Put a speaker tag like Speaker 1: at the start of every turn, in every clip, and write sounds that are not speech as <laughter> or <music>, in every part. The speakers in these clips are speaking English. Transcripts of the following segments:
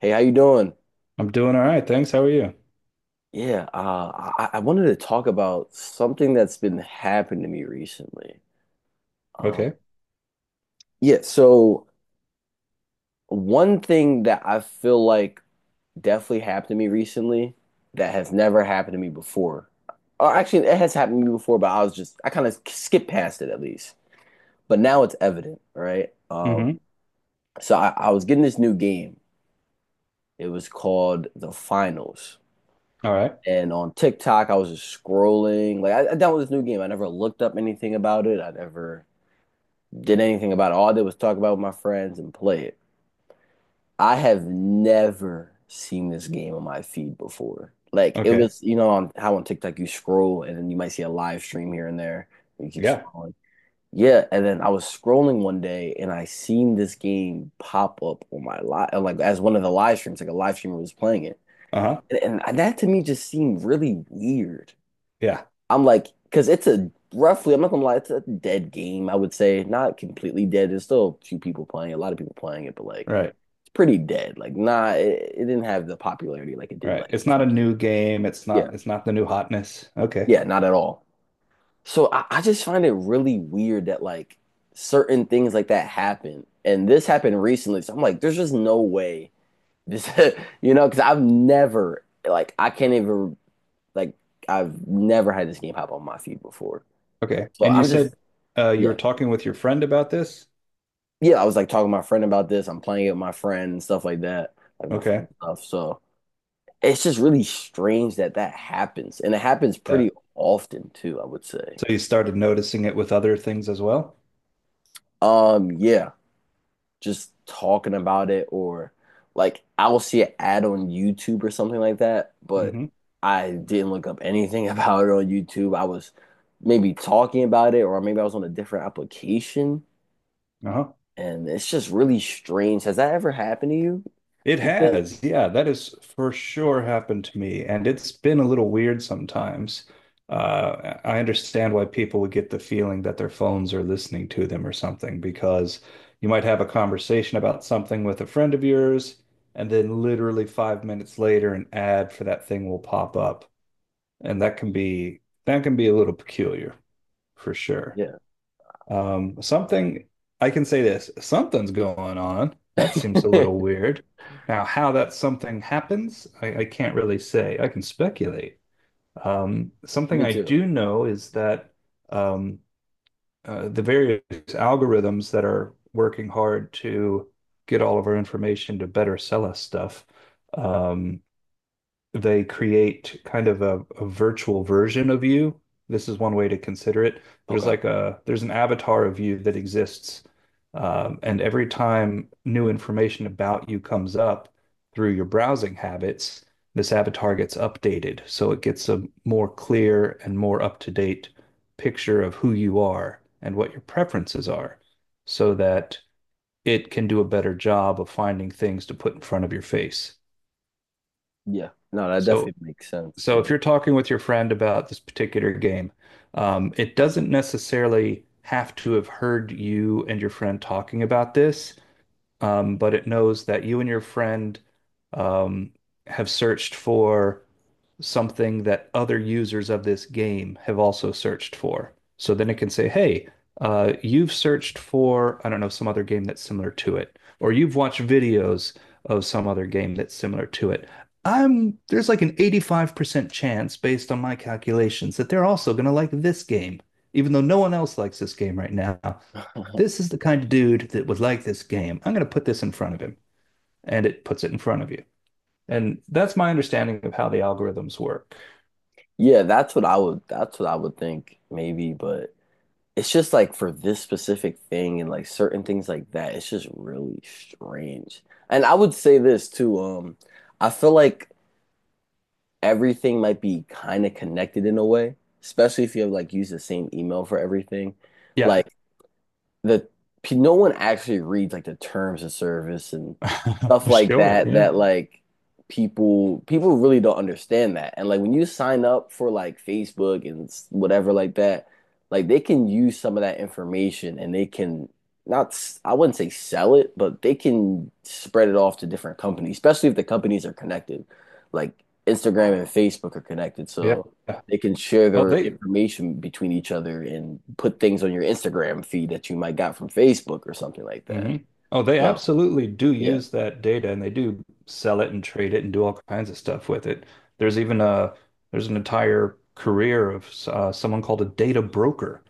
Speaker 1: Hey, how you doing?
Speaker 2: I'm doing all right, thanks. How are you?
Speaker 1: Yeah, uh, I wanted to talk about something that's been happening to me recently. Uh,
Speaker 2: Okay.
Speaker 1: yeah, so one thing that I feel like definitely happened to me recently that has never happened to me before. Or actually, it has happened to me before, but I was just I kind of skipped past it at least. But now it's evident, right? Um,
Speaker 2: Mm-hmm.
Speaker 1: so I was getting this new game. It was called The Finals.
Speaker 2: All right.
Speaker 1: And on TikTok, I was just scrolling. Like I downloaded this new game. I never looked up anything about it. I never did anything about it. All I did was talk about it with my friends and play it. I have never seen this game on my feed before. Like it
Speaker 2: Okay.
Speaker 1: was, you know, on how on TikTok you scroll and then you might see a live stream here and there. And you keep
Speaker 2: Yeah.
Speaker 1: scrolling. Yeah, and then I was scrolling one day and I seen this game pop up on my live, like as one of the live streams, like a live streamer was playing it.
Speaker 2: Uh-huh.
Speaker 1: And that to me just seemed really weird.
Speaker 2: Yeah.
Speaker 1: I'm like, because it's a roughly, I'm not gonna lie, it's a dead game, I would say. Not completely dead. There's still a few people playing, it, a lot of people playing it, but like
Speaker 2: Right.
Speaker 1: it's pretty dead. Like, nah, it didn't have the popularity like it did
Speaker 2: Right.
Speaker 1: like
Speaker 2: It's not
Speaker 1: two,
Speaker 2: a
Speaker 1: three.
Speaker 2: new game. It's
Speaker 1: Yeah,
Speaker 2: not it's not the new hotness. Okay.
Speaker 1: yeah, not at all. So I just find it really weird that like certain things like that happen. And this happened recently. So I'm like, there's just no way this, <laughs> because I've never like I can't even like I've never had this game pop on my feed before.
Speaker 2: Okay.
Speaker 1: So
Speaker 2: And you
Speaker 1: I'm
Speaker 2: said
Speaker 1: just
Speaker 2: you were
Speaker 1: yeah.
Speaker 2: talking with your friend about this?
Speaker 1: Yeah, I was like talking to my friend about this. I'm playing it with my friend and stuff like that, like my friend
Speaker 2: Okay.
Speaker 1: and stuff. So it's just really strange that that happens, and it happens
Speaker 2: Yeah.
Speaker 1: pretty often too, I would say.
Speaker 2: So you started noticing it with other things as well?
Speaker 1: Yeah, just talking about it or like I'll see an ad on YouTube or something like that, but
Speaker 2: Mm-hmm.
Speaker 1: I didn't look up anything <laughs> about it on YouTube. I was maybe talking about it or maybe I was on a different application,
Speaker 2: Uh-huh.
Speaker 1: and it's just really strange. Has that ever happened to you?
Speaker 2: It
Speaker 1: You think?
Speaker 2: has, yeah, that has for sure happened to me, and it's been a little weird sometimes. I understand why people would get the feeling that their phones are listening to them or something, because you might have a conversation about something with a friend of yours, and then literally 5 minutes later, an ad for that thing will pop up, and that can be a little peculiar for sure.
Speaker 1: Yeah.
Speaker 2: Something I can say this, something's going on. That seems a little
Speaker 1: <laughs>
Speaker 2: weird. Now, how that something happens, I can't really say. I can speculate. Something
Speaker 1: Me
Speaker 2: I
Speaker 1: too.
Speaker 2: do know is that um, the various algorithms that are working hard to get all of our information to better sell us stuff, um, they create kind of a virtual version of you. This is one way to consider it. There's
Speaker 1: Okay.
Speaker 2: like a there's an avatar of you that exists, and every time new information about you comes up through your browsing habits, this avatar gets updated, so it gets a more clear and more up-to-date picture of who you are and what your preferences are, so that it can do a better job of finding things to put in front of your face.
Speaker 1: Yeah. No, that
Speaker 2: So
Speaker 1: definitely makes sense.
Speaker 2: so
Speaker 1: Yeah.
Speaker 2: if you're talking with your friend about this particular game, it doesn't necessarily have to have heard you and your friend talking about this, but it knows that you and your friend um, have searched for something that other users of this game have also searched for. So then it can say, hey, you've searched for, I don't know, some other game that's similar to it, or you've watched videos of some other game that's similar to it. There's like an 85% chance based on my calculations that they're also going to like this game, even though no one else likes this game right now.
Speaker 1: <laughs>
Speaker 2: This is the kind of dude that would like this game. I'm going to put this in front of him, and it puts it in front of you. And that's my understanding of how the algorithms work.
Speaker 1: Yeah, that's what I would think maybe, but it's just like for this specific thing and like certain things like that, it's just really strange. And I would say this too. I feel like everything might be kind of connected in a way, especially if you have like use the same email for everything.
Speaker 2: Yeah.
Speaker 1: Like the no one actually reads like the terms of service and stuff
Speaker 2: <laughs>
Speaker 1: like
Speaker 2: Sure.
Speaker 1: that
Speaker 2: Yeah.
Speaker 1: that like people really don't understand that. And like when you sign up for like Facebook and whatever like that, like they can use some of that information and they can not s- I wouldn't say sell it, but they can spread it off to different companies, especially if the companies are connected, like Instagram and Facebook are connected.
Speaker 2: Yeah.
Speaker 1: So they can share
Speaker 2: Oh,
Speaker 1: their
Speaker 2: they,
Speaker 1: information between each other and put things on your Instagram feed that you might got from Facebook or something like that.
Speaker 2: hmm Oh, they
Speaker 1: So,
Speaker 2: absolutely do
Speaker 1: yeah,
Speaker 2: use that data and they do sell it and trade it and do all kinds of stuff with it. There's even a there's an entire career of someone called a data broker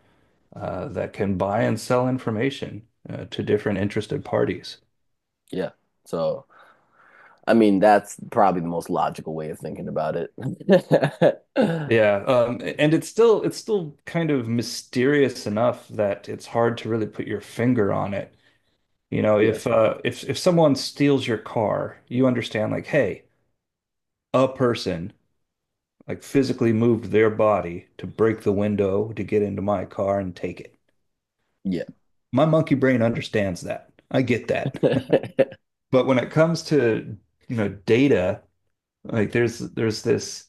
Speaker 2: that can buy and sell information to different interested parties.
Speaker 1: yeah. So, I mean, that's probably the most logical way of thinking about it. <laughs>
Speaker 2: Yeah, and it's still kind of mysterious enough that it's hard to really put your finger on it. You know,
Speaker 1: Yeah,
Speaker 2: if someone steals your car, you understand like, hey, a person like physically moved their body to break the window to get into my car and take it.
Speaker 1: yeah.
Speaker 2: My monkey brain understands that. I get that.
Speaker 1: <laughs>
Speaker 2: <laughs> But when it comes to, you know, data, like there's this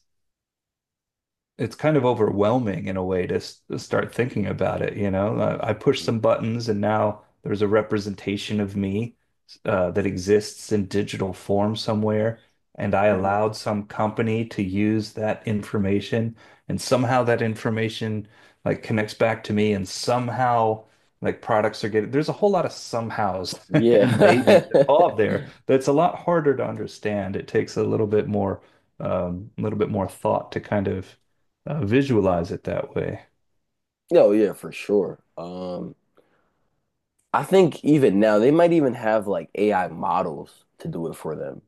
Speaker 2: it's kind of overwhelming in a way to, to start thinking about it, you know? I push some buttons and now there's a representation of me that exists in digital form somewhere, and I allowed some company to use that information, and somehow that information like connects back to me, and somehow like products are getting there's a whole lot of somehows <laughs> and maybe
Speaker 1: Yeah.
Speaker 2: involved
Speaker 1: <laughs>
Speaker 2: there that's a lot harder to understand. It takes a little bit more thought to kind of visualize it that way.
Speaker 1: No, yeah, for sure. I think even now they might even have like AI models to do it for them.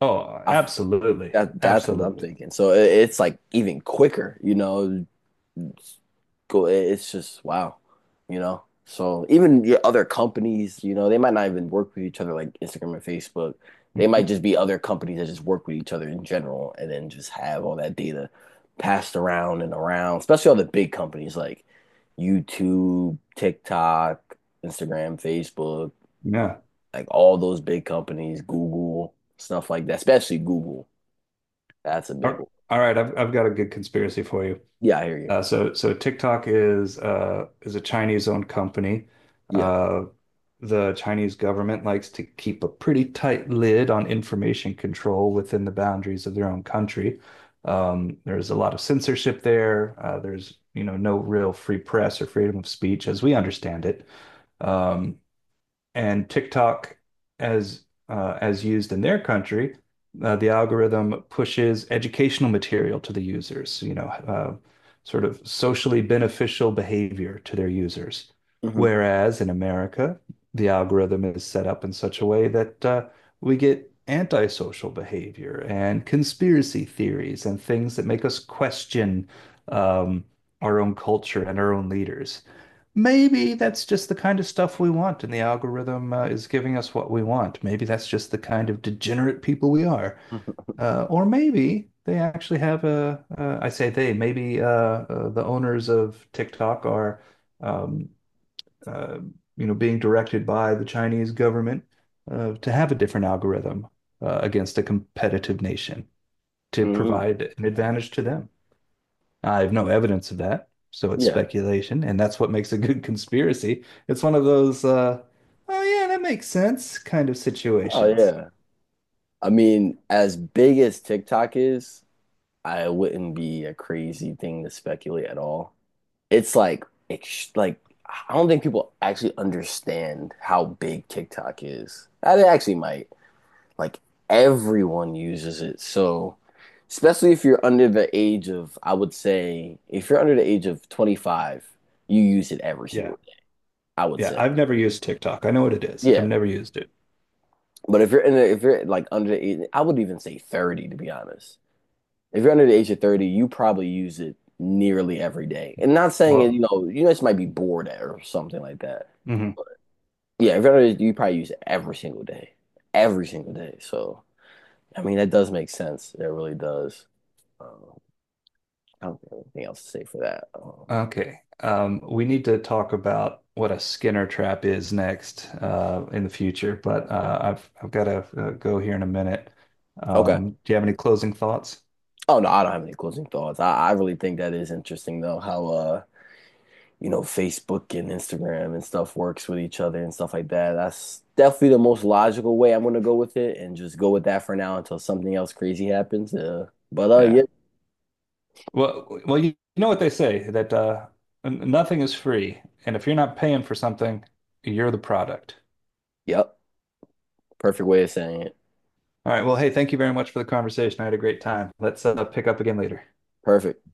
Speaker 2: Oh,
Speaker 1: I f-
Speaker 2: absolutely.
Speaker 1: that's what I'm
Speaker 2: Absolutely.
Speaker 1: thinking. So it's like even quicker, you know, it's go it's just wow, you know. So even your other companies, you know, they might not even work with each other, like Instagram and Facebook, they might
Speaker 2: Mhm.
Speaker 1: just be other companies that just work with each other in general and then just have all that data passed around and around, especially all the big companies like YouTube, TikTok, Instagram, Facebook,
Speaker 2: Yeah.
Speaker 1: like all those big companies, Google, stuff like that, especially Google, that's a big
Speaker 2: All
Speaker 1: one.
Speaker 2: all right, I've got a good conspiracy for you.
Speaker 1: Yeah, I hear you.
Speaker 2: So TikTok is a Chinese-owned company.
Speaker 1: Yeah.
Speaker 2: Uh, the Chinese government likes to keep a pretty tight lid on information control within the boundaries of their own country. There's a lot of censorship there. There's, you know, no real free press or freedom of speech as we understand it. Um, and TikTok, as used in their country, the algorithm pushes educational material to the users, you know, sort of socially beneficial behavior to their users.
Speaker 1: Hmm.
Speaker 2: Whereas in America, the algorithm is set up in such a way that we get antisocial behavior and conspiracy theories and things that make us question um, our own culture and our own leaders. Maybe that's just the kind of stuff we want, and the algorithm is giving us what we want. Maybe that's just the kind of degenerate people we are.
Speaker 1: Hmm.
Speaker 2: Or maybe they actually have I say they, maybe the owners of TikTok are, um, uh, you know, being directed by the Chinese government to have a different algorithm against a competitive nation to
Speaker 1: <laughs>
Speaker 2: provide an advantage to them. I have no evidence of that, so it's
Speaker 1: Yeah.
Speaker 2: speculation, and that's what makes a good <laughs> conspiracy. It's one of those, oh yeah, that makes sense kind of
Speaker 1: Oh
Speaker 2: situations.
Speaker 1: yeah. I mean, as big as TikTok is, I wouldn't be a crazy thing to speculate at all. It's like, ex like I don't think people actually understand how big TikTok is. Ah, they actually might. Like everyone uses it. So, especially if you're under the age of, I would say, if you're under the age of 25, you use it every
Speaker 2: Yeah,
Speaker 1: single day, I would
Speaker 2: yeah.
Speaker 1: say.
Speaker 2: I've never used TikTok. I know what it is. I've
Speaker 1: Yeah.
Speaker 2: never used it.
Speaker 1: But if you're in a, if you're like under the age, I would even say 30 to be honest. If you're under the age of 30, you probably use it nearly every day. And not saying it, you
Speaker 2: Whoa.
Speaker 1: know, you just might be bored or something like that.
Speaker 2: Hmm.
Speaker 1: Yeah, if you're under, you probably use it every single day. Every single day. So, I mean, that does make sense. It really does. Um, I don't have anything else to say for that.
Speaker 2: Okay. We need to talk about what a Skinner trap is next, in the future, but I've got to go here in a minute.
Speaker 1: Okay.
Speaker 2: Do you have any closing thoughts?
Speaker 1: Oh, no, I don't have any closing thoughts. I really think that is interesting, though, how you know, Facebook and Instagram and stuff works with each other and stuff like that. That's definitely the most logical way I'm gonna go with it and just go with that for now until something else crazy happens. But
Speaker 2: Yeah.
Speaker 1: yeah,
Speaker 2: Well, you know what they say that nothing is free, and if you're not paying for something, you're the product.
Speaker 1: yep, perfect way of saying it.
Speaker 2: All right. Well, hey, thank you very much for the conversation. I had a great time. Let's pick up again later.
Speaker 1: Perfect.